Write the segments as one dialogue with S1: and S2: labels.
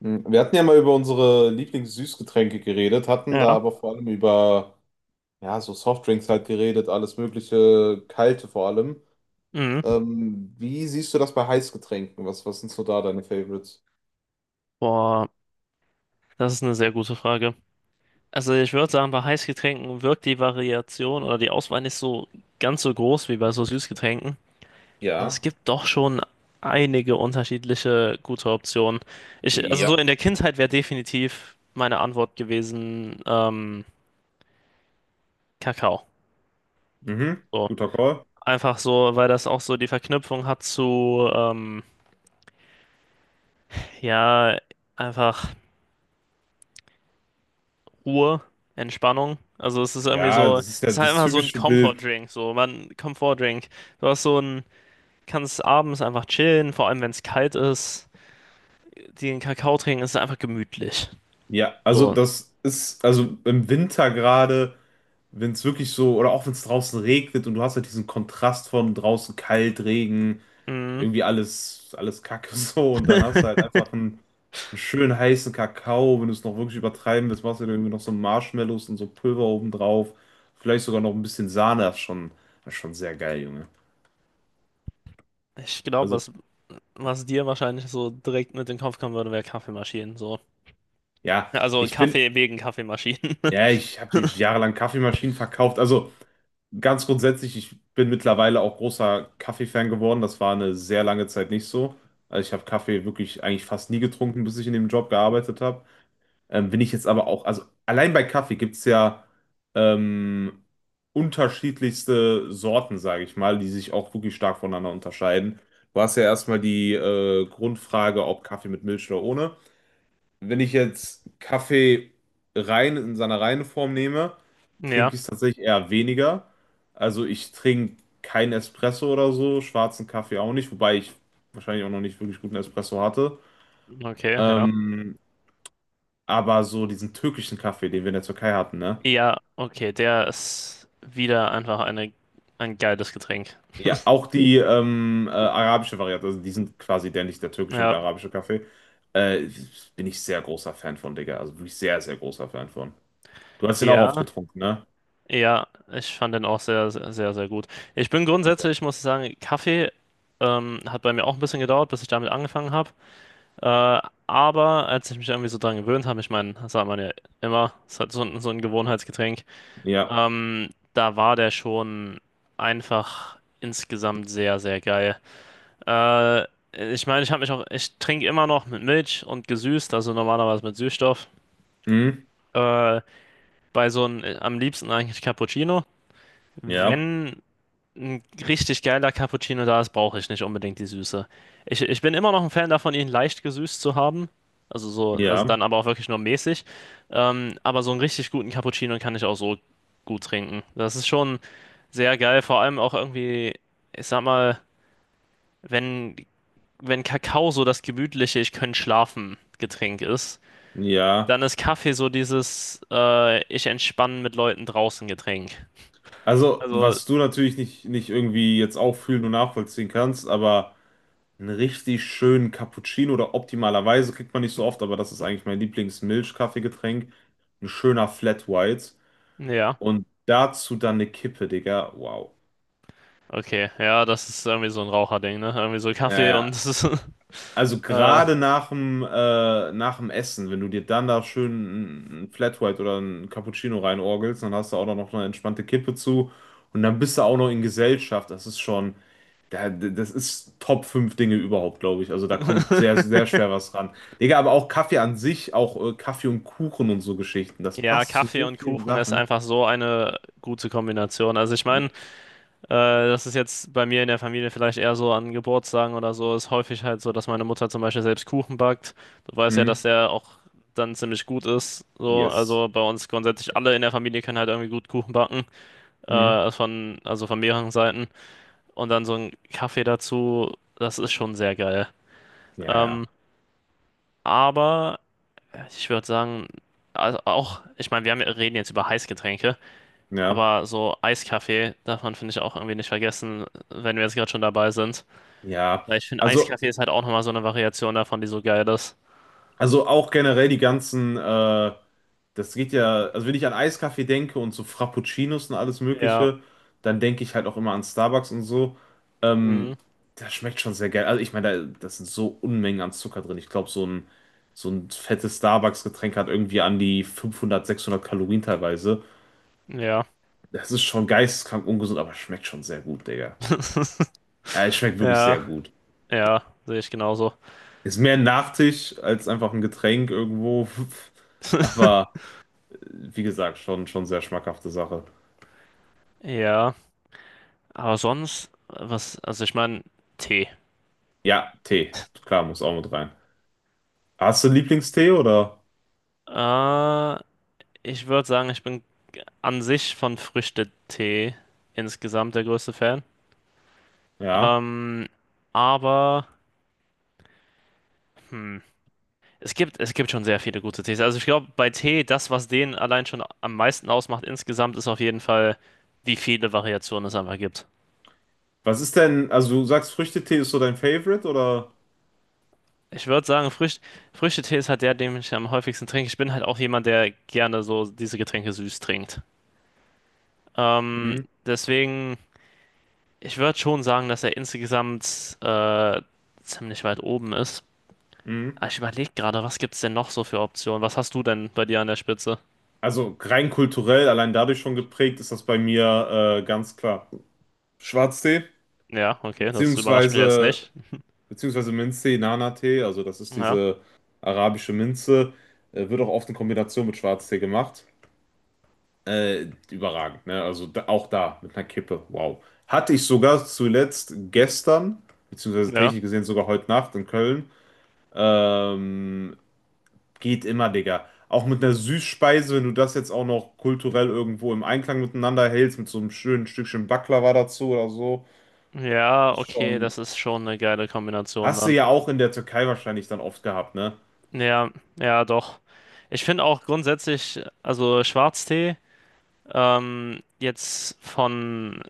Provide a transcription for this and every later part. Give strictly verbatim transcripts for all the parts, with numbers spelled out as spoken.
S1: Mhm. Wir hatten ja mal über unsere Lieblingssüßgetränke geredet, hatten da
S2: Ja.
S1: aber vor allem über ja, so Softdrinks halt geredet, alles mögliche, kalte vor allem.
S2: Mhm.
S1: Ähm, wie siehst du das bei Heißgetränken? Was, was sind so da deine Favorites?
S2: Boah, das ist eine sehr gute Frage. Also ich würde sagen, bei Heißgetränken wirkt die Variation oder die Auswahl nicht so ganz so groß wie bei so Süßgetränken. Aber es
S1: Ja,
S2: gibt doch schon einige unterschiedliche gute Optionen. Ich, also so
S1: ja,
S2: in der Kindheit wäre definitiv meine Antwort gewesen, ähm, Kakao.
S1: mhm,
S2: So.
S1: guter Call.
S2: Einfach so, weil das auch so die Verknüpfung hat zu, ähm, ja, einfach. Ruhe, Entspannung. Also es ist irgendwie
S1: Ja,
S2: so,
S1: das ist
S2: es
S1: ja
S2: ist halt
S1: das
S2: einfach so ein
S1: typische Bild.
S2: Comfort-Drink, so man, Comfort-Drink. Du hast so ein, kannst abends einfach chillen, vor allem wenn es kalt ist. Den Kakao trinken ist einfach gemütlich.
S1: Ja, also
S2: So.
S1: das ist, also im Winter gerade, wenn es wirklich so, oder auch wenn es draußen regnet und du hast halt diesen Kontrast von draußen kalt, Regen,
S2: Mhm.
S1: irgendwie alles, alles Kacke so. Und dann hast du halt einfach einen, einen schönen heißen Kakao. Wenn du es noch wirklich übertreiben willst, machst du dir irgendwie noch so Marshmallows und so Pulver obendrauf. Vielleicht sogar noch ein bisschen Sahne. Das ist schon, das ist schon sehr geil, Junge.
S2: Ich glaube,
S1: Also,
S2: was, was dir wahrscheinlich so direkt mit in den Kopf kommen würde, wäre Kaffeemaschinen. So.
S1: ja,
S2: Also
S1: ich bin,
S2: Kaffee wegen Kaffeemaschinen.
S1: ja, ich habe jahrelang Kaffeemaschinen verkauft. Also, ganz grundsätzlich, ich bin mittlerweile auch großer Kaffee-Fan geworden. Das war eine sehr lange Zeit nicht so. Also, ich habe Kaffee wirklich eigentlich fast nie getrunken, bis ich in dem Job gearbeitet habe. Ähm, wenn ich jetzt aber auch, also allein bei Kaffee gibt es ja ähm, unterschiedlichste Sorten, sage ich mal, die sich auch wirklich stark voneinander unterscheiden. Du hast ja erstmal die äh, Grundfrage, ob Kaffee mit Milch oder ohne. Wenn ich jetzt Kaffee rein in seiner reinen Form nehme,
S2: Ja,
S1: trinke ich es tatsächlich eher weniger. Also ich trinke keinen Espresso oder so, schwarzen Kaffee auch nicht, wobei ich wahrscheinlich auch noch nicht wirklich guten Espresso hatte.
S2: okay, ja.
S1: Ähm, aber so diesen türkischen Kaffee, den wir in der Türkei hatten, ne?
S2: Ja, okay, der ist wieder einfach eine, ein geiles Getränk.
S1: Ja, auch die ähm, äh, arabische Variante, also die sind quasi identisch, der türkische und
S2: Ja,
S1: der arabische Kaffee. Äh, Bin ich sehr großer Fan von, Digga. Also wirklich sehr, sehr großer Fan von. Du hast den auch oft
S2: ja.
S1: getrunken, ne?
S2: Ja, ich fand den auch sehr, sehr, sehr, sehr gut. Ich bin
S1: Okay.
S2: grundsätzlich, muss ich sagen, Kaffee ähm, hat bei mir auch ein bisschen gedauert, bis ich damit angefangen habe. Äh, aber als ich mich irgendwie so dran gewöhnt habe, ich meine, das sagt man ja immer, es ist halt so, ein- so ein Gewohnheitsgetränk,
S1: Ja.
S2: ähm, da war der schon einfach insgesamt sehr, sehr geil. Äh, Ich meine, ich habe mich auch, ich trinke immer noch mit Milch und gesüßt, also normalerweise mit Süßstoff.
S1: Mhm.
S2: Äh, Bei so einem, am liebsten eigentlich Cappuccino.
S1: Ja.
S2: Wenn. Ein richtig geiler Cappuccino da ist, brauche ich nicht unbedingt die Süße. Ich, ich bin immer noch ein Fan davon, ihn leicht gesüßt zu haben. Also so, also dann
S1: Ja.
S2: aber auch wirklich nur mäßig. Ähm, aber so einen richtig guten Cappuccino kann ich auch so gut trinken. Das ist schon sehr geil. Vor allem auch irgendwie, ich sag mal, wenn, wenn Kakao so das gemütliche, ich kann schlafen Getränk ist,
S1: Ja.
S2: dann ist Kaffee so dieses äh, ich entspanne mit Leuten draußen Getränk.
S1: Also,
S2: Also,
S1: was du natürlich nicht, nicht irgendwie jetzt auch fühlen und nachvollziehen kannst, aber. Einen richtig schönen Cappuccino oder optimalerweise kriegt man nicht so oft, aber das ist eigentlich mein Lieblings-Milchkaffeegetränk. Ein schöner Flat White
S2: ja.
S1: und dazu dann eine Kippe, Digga. Wow.
S2: Okay, ja, das ist irgendwie so ein Raucherding, ne? Irgendwie so Kaffee
S1: Äh,
S2: und
S1: Also
S2: äh,
S1: gerade nach dem, äh, nach dem Essen, wenn du dir dann da schön ein Flat White oder ein Cappuccino reinorgelst, dann hast du auch noch eine entspannte Kippe zu und dann bist du auch noch in Gesellschaft. Das ist schon, da- das ist Top fünf Dinge überhaupt, glaube ich. Also da kommt sehr, sehr schwer was ran. Digga, aber auch Kaffee an sich, auch äh, Kaffee und Kuchen und so Geschichten, das
S2: ja,
S1: passt zu
S2: Kaffee
S1: so
S2: und
S1: vielen
S2: Kuchen ist
S1: Sachen.
S2: einfach so eine gute Kombination. Also ich meine, äh,
S1: Ne?
S2: das ist jetzt bei mir in der Familie vielleicht eher so an Geburtstagen oder so, ist häufig halt so, dass meine Mutter zum Beispiel selbst Kuchen backt. Du weißt ja,
S1: Hm,
S2: dass der auch dann ziemlich gut ist. So,
S1: yes.
S2: also bei uns grundsätzlich alle in der Familie können halt irgendwie gut Kuchen backen,
S1: Hm,
S2: äh, von, also von mehreren Seiten. Und dann so ein Kaffee dazu, das ist schon sehr geil.
S1: ja, ja.
S2: Ähm, aber, ja, ich würde sagen, also auch, ich meine, wir haben, reden jetzt über Heißgetränke,
S1: Ja.
S2: aber so Eiskaffee darf man, finde ich, auch irgendwie nicht vergessen, wenn wir jetzt gerade schon dabei sind.
S1: Ja.
S2: Weil ich finde,
S1: Also.
S2: Eiskaffee ist halt auch nochmal so eine Variation davon, die so geil ist.
S1: Also auch generell die ganzen, äh, das geht ja, also wenn ich an Eiskaffee denke und so Frappuccinos und alles
S2: Ja,
S1: Mögliche, dann denke ich halt auch immer an Starbucks und so.
S2: mhm,
S1: Ähm, Das schmeckt schon sehr geil. Also ich meine, da, das sind so Unmengen an Zucker drin. Ich glaube, so ein, so ein fettes Starbucks-Getränk hat irgendwie an die fünfhundert sechshundert Kalorien teilweise.
S2: ja,
S1: Das ist schon geisteskrank ungesund, aber schmeckt schon sehr gut, Digga. Ja, es schmeckt wirklich
S2: ja,
S1: sehr gut.
S2: ja, sehe ich genauso.
S1: Ist mehr ein Nachtisch als einfach ein Getränk irgendwo. Aber wie gesagt, schon, schon sehr schmackhafte Sache.
S2: Ja, aber sonst, was, also ich meine, Tee.
S1: Ja, Tee, klar, muss auch mit rein. Hast du einen Lieblingstee oder?
S2: Äh, Ich würde sagen, ich bin an sich von Früchtetee insgesamt der größte Fan.
S1: Ja.
S2: Ähm, aber. Hm. Es gibt, es gibt schon sehr viele gute Tees. Also ich glaube, bei Tee, das, was den allein schon am meisten ausmacht insgesamt, ist auf jeden Fall, wie viele Variationen es einfach gibt.
S1: Was ist denn, also du sagst, Früchtetee ist so dein Favorite oder?
S2: Ich würde sagen, Frücht, Früchtetee ist halt der, den ich am häufigsten trinke. Ich bin halt auch jemand, der gerne so diese Getränke süß trinkt. Ähm,
S1: Mhm.
S2: deswegen, ich würde schon sagen, dass er insgesamt äh, ziemlich weit oben ist.
S1: Mhm.
S2: Aber ich überlege gerade, was gibt es denn noch so für Optionen? Was hast du denn bei dir an der Spitze?
S1: Also rein kulturell, allein dadurch schon geprägt, ist das bei mir äh, ganz klar. Schwarztee,
S2: Ja, okay, das überrascht mich jetzt
S1: beziehungsweise,
S2: nicht.
S1: beziehungsweise Minztee, Nana-Tee, also das ist
S2: Ja,
S1: diese arabische Minze, äh, wird auch oft in Kombination mit Schwarztee gemacht. Äh, überragend, ne? Also da, auch da mit einer Kippe. Wow. Hatte ich sogar zuletzt gestern, beziehungsweise
S2: ja.
S1: technisch gesehen sogar heute Nacht in Köln. Ähm, Geht immer, Digga. Auch mit einer Süßspeise, wenn du das jetzt auch noch kulturell irgendwo im Einklang miteinander hältst, mit so einem schönen Stückchen Baklava dazu oder so,
S2: Ja,
S1: ist
S2: okay,
S1: schon.
S2: das ist schon eine geile Kombination
S1: Hast du
S2: dann.
S1: ja auch in der Türkei wahrscheinlich dann oft gehabt, ne?
S2: Ja, ja, doch. Ich finde auch grundsätzlich, also Schwarztee, ähm, jetzt von,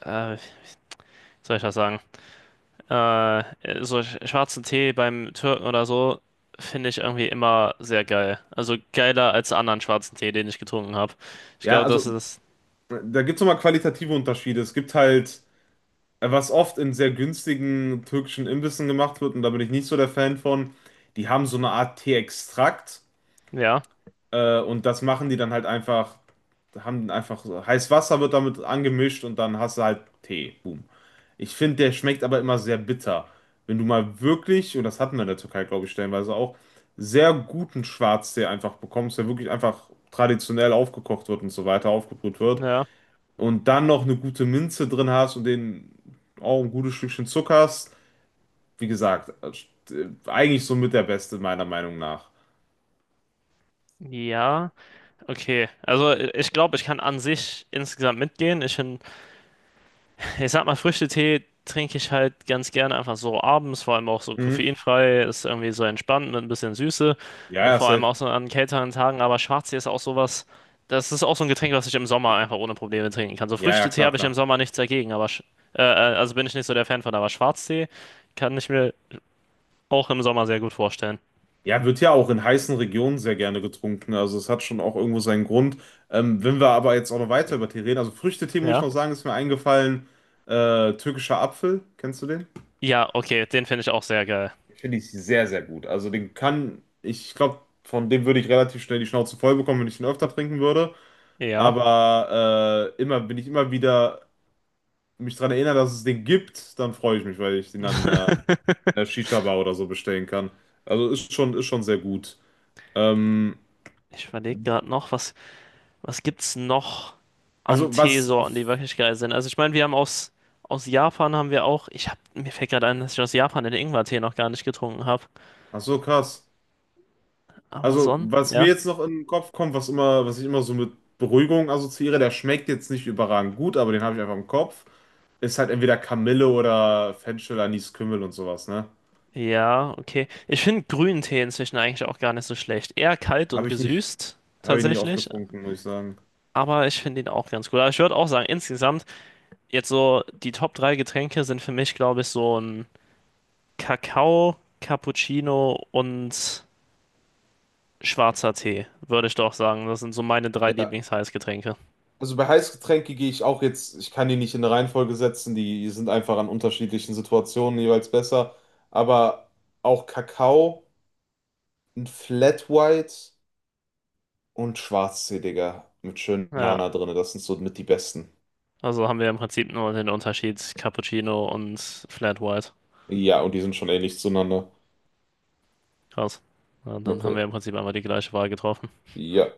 S2: äh, wie soll ich das sagen? Äh, so sch- schwarzen Tee beim Türken oder so, finde ich irgendwie immer sehr geil. Also geiler als anderen schwarzen Tee, den ich getrunken habe. Ich
S1: Ja,
S2: glaube, das
S1: also
S2: ist,
S1: da gibt es nochmal qualitative Unterschiede. Es gibt halt, was oft in sehr günstigen türkischen Imbissen gemacht wird, und da bin ich nicht so der Fan von, die haben so eine Art Teeextrakt
S2: ja,
S1: äh, und das machen die dann halt einfach, haben einfach so, heiß Wasser wird damit angemischt und dann hast du halt Tee. Boom. Ich finde, der schmeckt aber immer sehr bitter. Wenn du mal wirklich, und das hatten wir in der Türkei, glaube ich, stellenweise auch, sehr guten Schwarztee einfach bekommst, der wirklich einfach traditionell aufgekocht wird und so weiter, aufgebrüht wird,
S2: ja.
S1: und dann noch eine gute Minze drin hast und den auch ein gutes Stückchen Zucker hast, wie gesagt, äh, eigentlich somit der Beste, meiner Meinung nach.
S2: Ja, okay. Also i- ich glaube, ich kann an sich insgesamt mitgehen. Ich finde Ich sag mal, Früchtetee trinke ich halt ganz gerne einfach so abends, vor allem auch so
S1: Mhm.
S2: koffeinfrei, ist irgendwie so entspannt mit ein bisschen Süße,
S1: Ja,
S2: äh,
S1: ja,
S2: vor allem
S1: safe.
S2: auch so an kälteren Tagen. Aber Schwarztee ist auch sowas, das ist auch so ein Getränk, was ich im Sommer einfach ohne Probleme trinken kann. So
S1: Ja, ja,
S2: Früchtetee
S1: klar,
S2: habe ich im
S1: klar.
S2: Sommer nichts dagegen, aber sch- äh, äh, also bin ich nicht so der Fan von, aber Schwarztee kann ich mir auch im Sommer sehr gut vorstellen.
S1: Ja, wird ja auch in heißen Regionen sehr gerne getrunken. Also es hat schon auch irgendwo seinen Grund. Ähm, wenn wir aber jetzt auch noch weiter über Tee reden, also Früchtetee muss ich
S2: Ja?
S1: noch sagen, ist mir eingefallen. Äh, türkischer Apfel, kennst du den?
S2: Ja, okay, den finde ich auch sehr geil.
S1: Finde ich sehr, sehr gut. Also den kann, ich glaube, von dem würde ich relativ schnell die Schnauze voll bekommen, wenn ich ihn öfter trinken würde.
S2: Ja,
S1: Aber äh, immer, wenn ich immer wieder mich daran erinnere, dass es den gibt, dann freue ich mich, weil ich den dann in einer, in einer Shisha-Bar oder so bestellen kann. Also ist schon, ist schon sehr gut. Ähm,
S2: ich überlege gerade noch, was Was gibt's noch
S1: also
S2: an
S1: was,
S2: Teesorten, die wirklich geil sind? Also ich meine, wir haben aus, aus Japan haben wir auch, ich hab, mir fällt gerade ein, dass ich aus Japan den Ingwertee noch gar nicht getrunken habe.
S1: ach so krass.
S2: Aber
S1: Also
S2: Son,
S1: was mir
S2: ja.
S1: jetzt noch in den Kopf kommt, was immer, was ich immer so mit Beruhigung assoziiere, der schmeckt jetzt nicht überragend gut, aber den habe ich einfach im Kopf, ist halt entweder Kamille oder Fenchel, Anis, Kümmel und sowas, ne?
S2: Ja, okay. Ich finde grünen Tee inzwischen eigentlich auch gar nicht so schlecht. Eher kalt und
S1: Habe ich nicht,
S2: gesüßt,
S1: habe ich nie
S2: tatsächlich.
S1: aufgetrunken, muss ich sagen.
S2: Aber ich finde ihn auch ganz gut. Aber ich würde auch sagen, insgesamt, jetzt so die Top drei Getränke sind für mich, glaube ich, so ein Kakao, Cappuccino und schwarzer Tee, würde ich doch sagen. Das sind so meine drei Lieblingsheißgetränke.
S1: Also bei Heißgetränke gehe ich auch jetzt, ich kann die nicht in eine Reihenfolge setzen, die sind einfach an unterschiedlichen Situationen jeweils besser. Aber auch Kakao, ein Flat White und Schwarztee, Digga, mit schön
S2: Ja,
S1: Nana drin, das sind so mit die besten.
S2: also haben wir im Prinzip nur den Unterschied Cappuccino und Flat White.
S1: Ja, und die sind schon ähnlich zueinander.
S2: Krass. Ja, dann haben
S1: Okay.
S2: wir im Prinzip einmal die gleiche Wahl getroffen.
S1: Ja.